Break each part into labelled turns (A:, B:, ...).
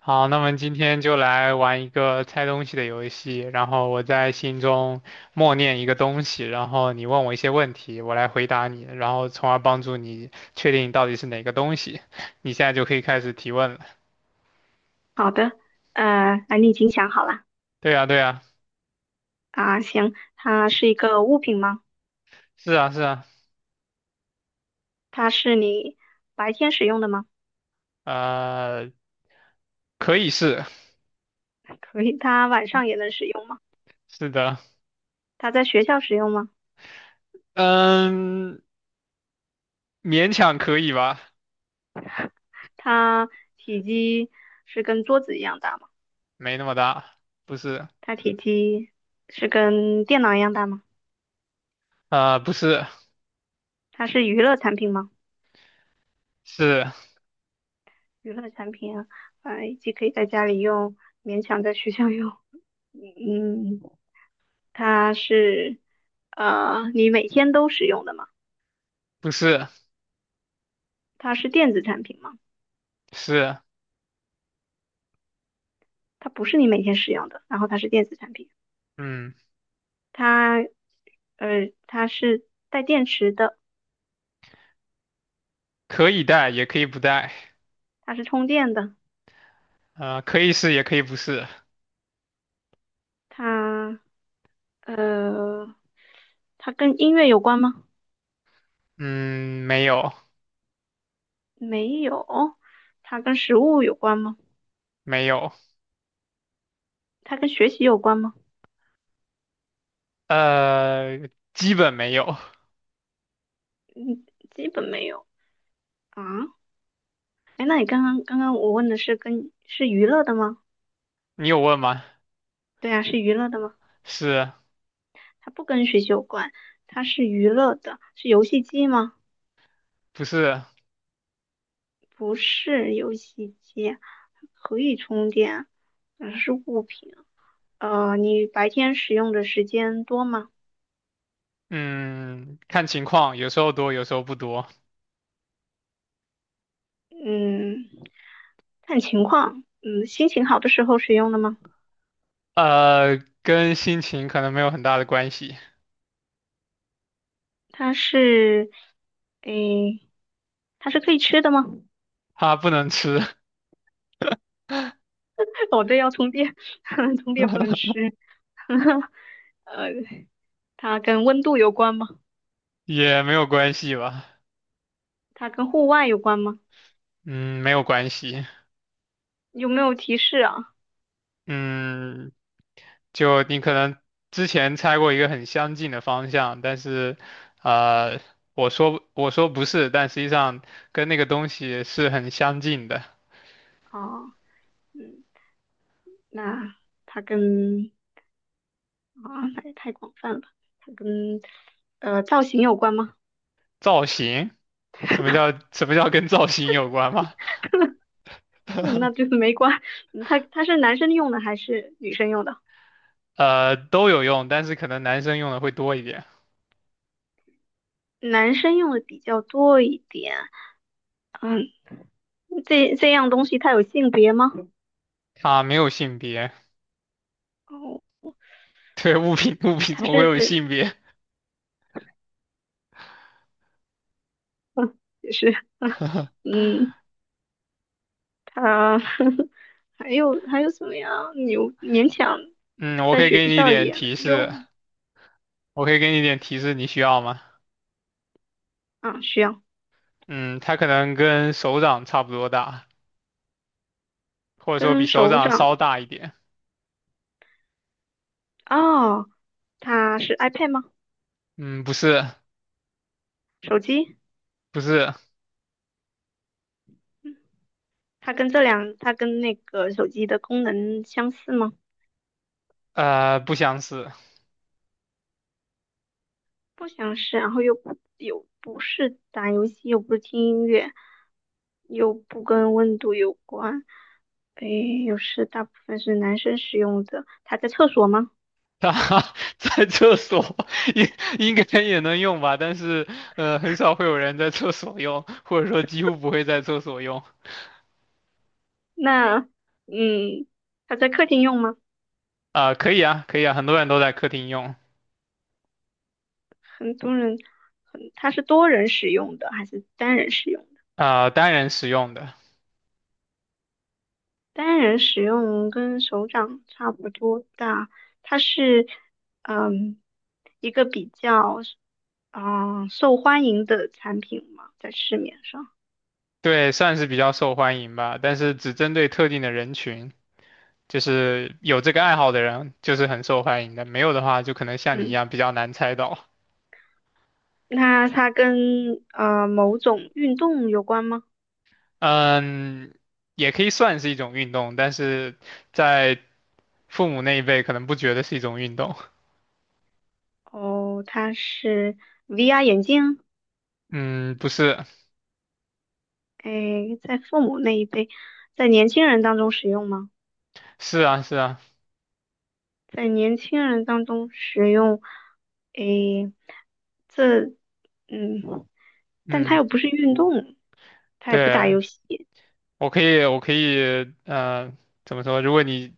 A: 好，那么今天就来玩一个猜东西的游戏，然后我在心中默念一个东西，然后你问我一些问题，我来回答你，然后从而帮助你确定到底是哪个东西。你现在就可以开始提问了。
B: 好的，那你已经想好了
A: 对呀，对呀，
B: 啊？行，它是一个物品吗？
A: 是啊，是啊，
B: 它是你白天使用的吗？
A: 呃，可以是，
B: 可以，它晚上也能使用吗？
A: 是的，
B: 它在学校使用吗？
A: 嗯，勉强可以吧，
B: 它体积是跟桌子一样大吗？
A: 没那么大，不是，
B: 它体积是跟电脑一样大吗？
A: 不是，
B: 它是娱乐产品吗？
A: 是，
B: 娱乐产品啊，既可以在家里用，勉强在学校用。嗯，它是你每天都使用的吗？
A: 不是，
B: 它是电子产品吗？
A: 是，
B: 它不是你每天使用的，然后它是电子产品，
A: 嗯，
B: 它它是带电池的，
A: 可以带也可以不带。
B: 它是充电的，
A: 可以是也可以不是。
B: 它呃它跟音乐有关吗？
A: 嗯，没有
B: 没有，它跟食物有关吗？
A: 没有，
B: 它跟学习有关吗？
A: 基本没有。
B: 嗯，基本没有啊。哎，那你刚刚我问的是跟是娱乐的吗？
A: 你有问吗？
B: 对啊，是娱乐的吗？
A: 是
B: 它不跟学习有关，它是娱乐的，是游戏机吗？
A: 不是？
B: 不是游戏机，它可以充电，是物品。你白天使用的时间多吗？
A: 嗯，看情况，有时候多，有时候不多。
B: 嗯，看情况。嗯，心情好的时候使用的吗？
A: 呃，跟心情可能没有很大的关系。
B: 它是，诶，它是可以吃的吗？
A: 它不能吃，
B: 哦，对，要充电，充电不能吃。呃，它跟温度有关吗？
A: 也没有关系吧？
B: 它跟户外有关吗？
A: 嗯，没有关系。
B: 有没有提示啊？
A: 嗯，就你可能之前猜过一个很相近的方向，但是，呃，我说不是，但实际上跟那个东西是很相近的。
B: 哦，嗯，那它跟啊，那也太广泛了吧。它跟造型有关吗？
A: 造型，什么叫跟造型有关吗？
B: 嗯那就是没关。嗯它是男生用的还是女生用的？
A: 呃，都有用，但是可能男生用的会多一点。
B: 男生用的比较多一点。嗯，这样东西它有性别吗？
A: 啊，没有性别，
B: 哦，
A: 对，物品
B: 它
A: 怎么会
B: 是，
A: 有性别？
B: 嗯，也是，嗯，嗯它 还有什么呀？牛勉强
A: 嗯，我
B: 在
A: 可以
B: 学
A: 给你一
B: 校
A: 点
B: 也能
A: 提示，
B: 用。
A: 我可以给你一点提示，你需要吗？
B: 啊，需要
A: 嗯，它可能跟手掌差不多大。或者说比
B: 跟
A: 手
B: 手
A: 掌
B: 掌。
A: 稍大一点。
B: 哦，它是 iPad 吗？
A: 嗯，不是，
B: 手机？
A: 不是，
B: 嗯它跟那个手机的功能相似吗？
A: 不相似。
B: 不相似，然后又不是打游戏，又不是听音乐，又不跟温度有关，诶，又是大部分是男生使用的。他在厕所吗？
A: 它在厕所应应该也能用吧，但是很少会有人在厕所用，或者说几乎不会在厕所用。
B: 那，嗯，他在客厅用吗？
A: 啊、可以啊，可以啊，很多人都在客厅用，
B: 很多人，很，他是多人使用的还是单人使用？
A: 啊、单人使用的，
B: 单人使用跟手掌差不多大，它是嗯一个比较受欢迎的产品嘛，在市面上。
A: 对，算是比较受欢迎吧，但是只针对特定的人群，就是有这个爱好的人，就是很受欢迎的，没有的话，就可能像你一
B: 嗯，
A: 样比较难猜到。
B: 那它跟某种运动有关吗？
A: 嗯，也可以算是一种运动，但是在父母那一辈可能不觉得是一种运动。
B: 哦，它是 VR 眼镜，
A: 嗯，不是，
B: 诶，在父母那一辈，在年轻人当中使用吗？
A: 是啊，是啊，
B: 在年轻人当中使用，诶，这，嗯，但他
A: 嗯，
B: 又不是运动，他也不打
A: 对，
B: 游戏
A: 我可以，我可以，呃，怎么说？如果你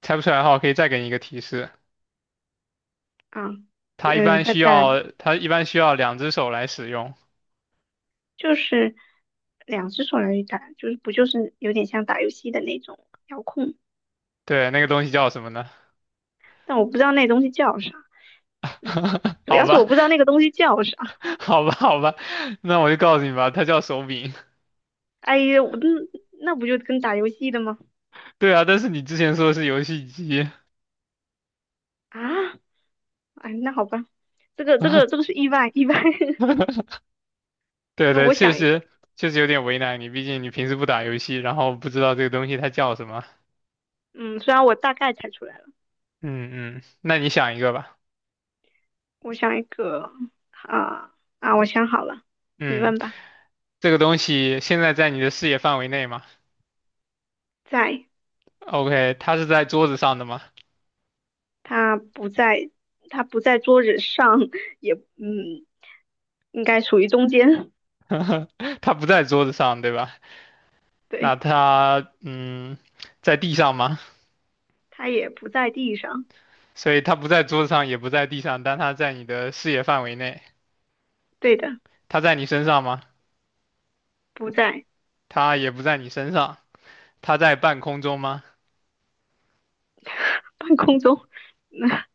A: 猜不出来的话，我可以再给你一个提示。
B: 啊，
A: 它一
B: 嗯，
A: 般
B: 再
A: 需
B: 再来
A: 要，它一般需要两只手来使用。
B: 就是两只手来打，就是不就是有点像打游戏的那种遥控，
A: 对，那个东西叫什么呢？
B: 但我不知道那东西叫啥，主
A: 好
B: 要是我
A: 吧，
B: 不知道那个东西叫啥，
A: 好吧，好吧，那我就告诉你吧，它叫手柄。
B: 哎呀，那不就跟打游戏的吗？
A: 对啊，但是你之前说的是游戏机。
B: 啊，哎，那好吧，这个这个 这个是意外，
A: 对
B: 那
A: 对，
B: 我
A: 确
B: 想一个。
A: 实确实有点为难你，毕竟你平时不打游戏，然后不知道这个东西它叫什么。
B: 嗯，虽然我大概猜出来。了。
A: 嗯嗯，那你想一个吧。
B: 我想一个啊啊，我想好了，你
A: 嗯，
B: 问吧。
A: 这个东西现在在你的视野范围内吗
B: 在，
A: ？OK，它是在桌子上的吗？
B: 它不在，它不在桌子上，也嗯，应该属于中间。
A: 它不在桌子上，对吧？那
B: 对，
A: 它嗯，在地上吗？
B: 它也不在地上。
A: 所以它不在桌子上，也不在地上，但它在你的视野范围内。
B: 对的，
A: 它在你身上吗？
B: 不在
A: 它也不在你身上。它在半空中吗？
B: 半空中。那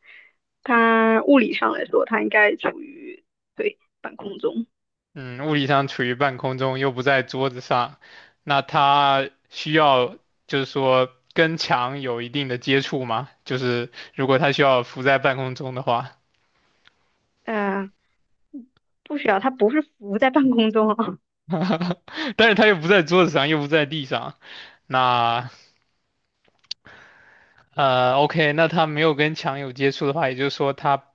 B: 它物理上来说，它应该处于对半空中。
A: 嗯，物理上处于半空中，又不在桌子上，那它需要就是说跟墙有一定的接触吗？就是如果它需要浮在半空中的话，
B: 呃，不需要，它不是浮在半空中哦
A: 但是它又不在桌子上，又不在地上，那OK，那它没有跟墙有接触的话，也就是说它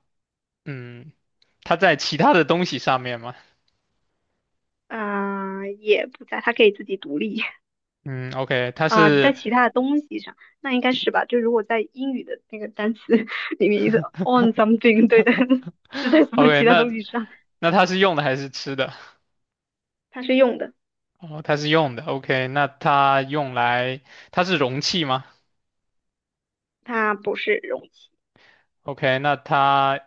A: 嗯，它在其他的东西上面嘛，
B: 啊，也不在，它可以自己独立。
A: 嗯，OK，它
B: 啊、在
A: 是
B: 其他的东西上，那应该是吧？就如果在英语的那个单词 里面也是 on something，对的，是在 什么
A: OK，
B: 其他东
A: 那
B: 西上？
A: 它是用的还是吃的？
B: 它是用的，
A: 哦，它是用的，OK，那它用来，它是容器吗
B: 它不是容器，
A: ？OK，那它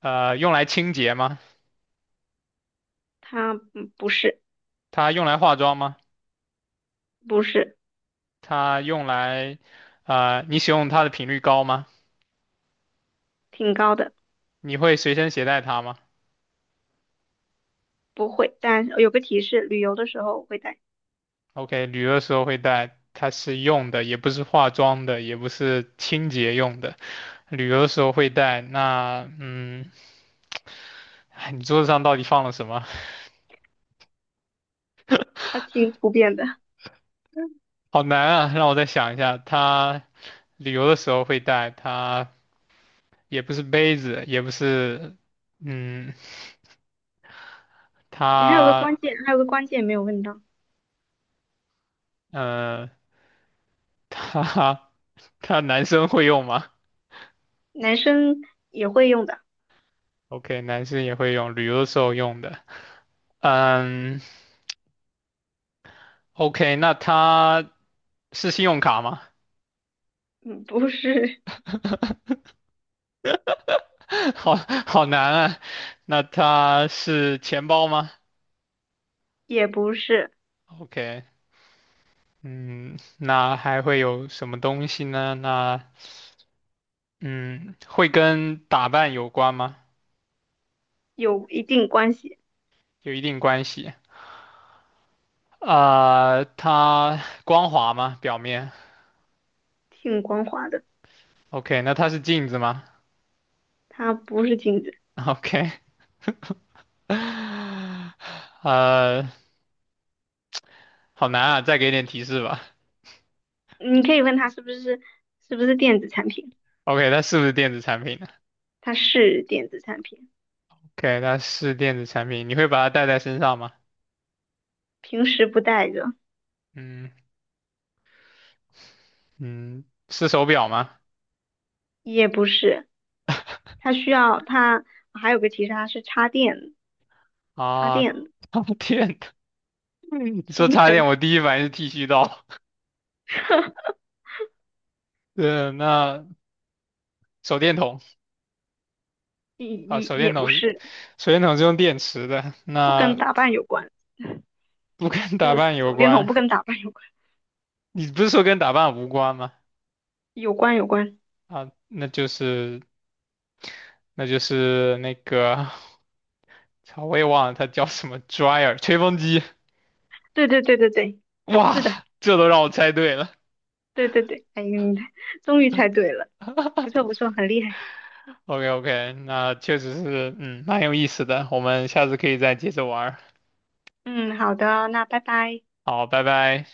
A: 用来清洁吗？
B: 它不是
A: 它用来化妆吗？
B: 不是
A: 它用来，你使用它的频率高吗？
B: 挺高的，
A: 你会随身携带它吗
B: 不会。但有个提示，旅游的时候会带，
A: ？OK，旅游的时候会带，它是用的，也不是化妆的，也不是清洁用的，旅游的时候会带。那嗯，哎你桌子上到底放了什么？
B: 它挺普遍的。
A: 好难啊，让我再想一下，它旅游的时候会带它。也不是杯子，也不是，嗯，
B: 你还有个
A: 他，
B: 关键，还有个关键没有问到，
A: 呃，他，他男生会用吗
B: 男生也会用的，
A: ？OK，男生也会用，旅游的时候用的。嗯，OK，那他是信用卡吗？
B: 嗯，不是，
A: 好好难啊。那他是钱包吗
B: 也不是
A: ？OK，嗯，那还会有什么东西呢？那，嗯，会跟打扮有关吗？
B: 有一定关系，
A: 有一定关系。啊、它光滑吗？表面
B: 挺光滑的，
A: ？OK，那它是镜子吗
B: 它不是镜子。
A: ？OK，呃，好难啊，再给点提示吧。
B: 你可以问他是不是电子产品，
A: OK，它是不是电子产品呢
B: 它是电子产品，
A: ？OK，它是电子产品，你会把它戴在身上吗？
B: 平时不带着，
A: 嗯嗯，是手表吗？
B: 也不是，它需要它还有个其示，它是插电插
A: 啊，
B: 电
A: 插电的，你说
B: 充电，
A: 插电，我第一反应是剃须刀。对，那手电筒
B: 也
A: 啊，
B: 也
A: 手电
B: 也不
A: 筒是
B: 是，
A: 手电筒是用电池的，
B: 不跟
A: 那
B: 打扮有关，
A: 不跟
B: 这
A: 打
B: 个
A: 扮有
B: 手电筒
A: 关。
B: 不跟打扮有关，
A: 你不是说跟打扮无关吗？
B: 有关，
A: 啊，那就是那个，操，我也忘了它叫什么 dryer 吹风机。
B: 对对对对对，是
A: 哇，
B: 的，
A: 这都让我猜对了。
B: 对对对，哎，你终于猜对了，不错不错，很厉害，
A: OK OK，那确实是，嗯，蛮有意思的。我们下次可以再接着玩儿
B: 嗯，好的，那拜拜。
A: 好，拜拜。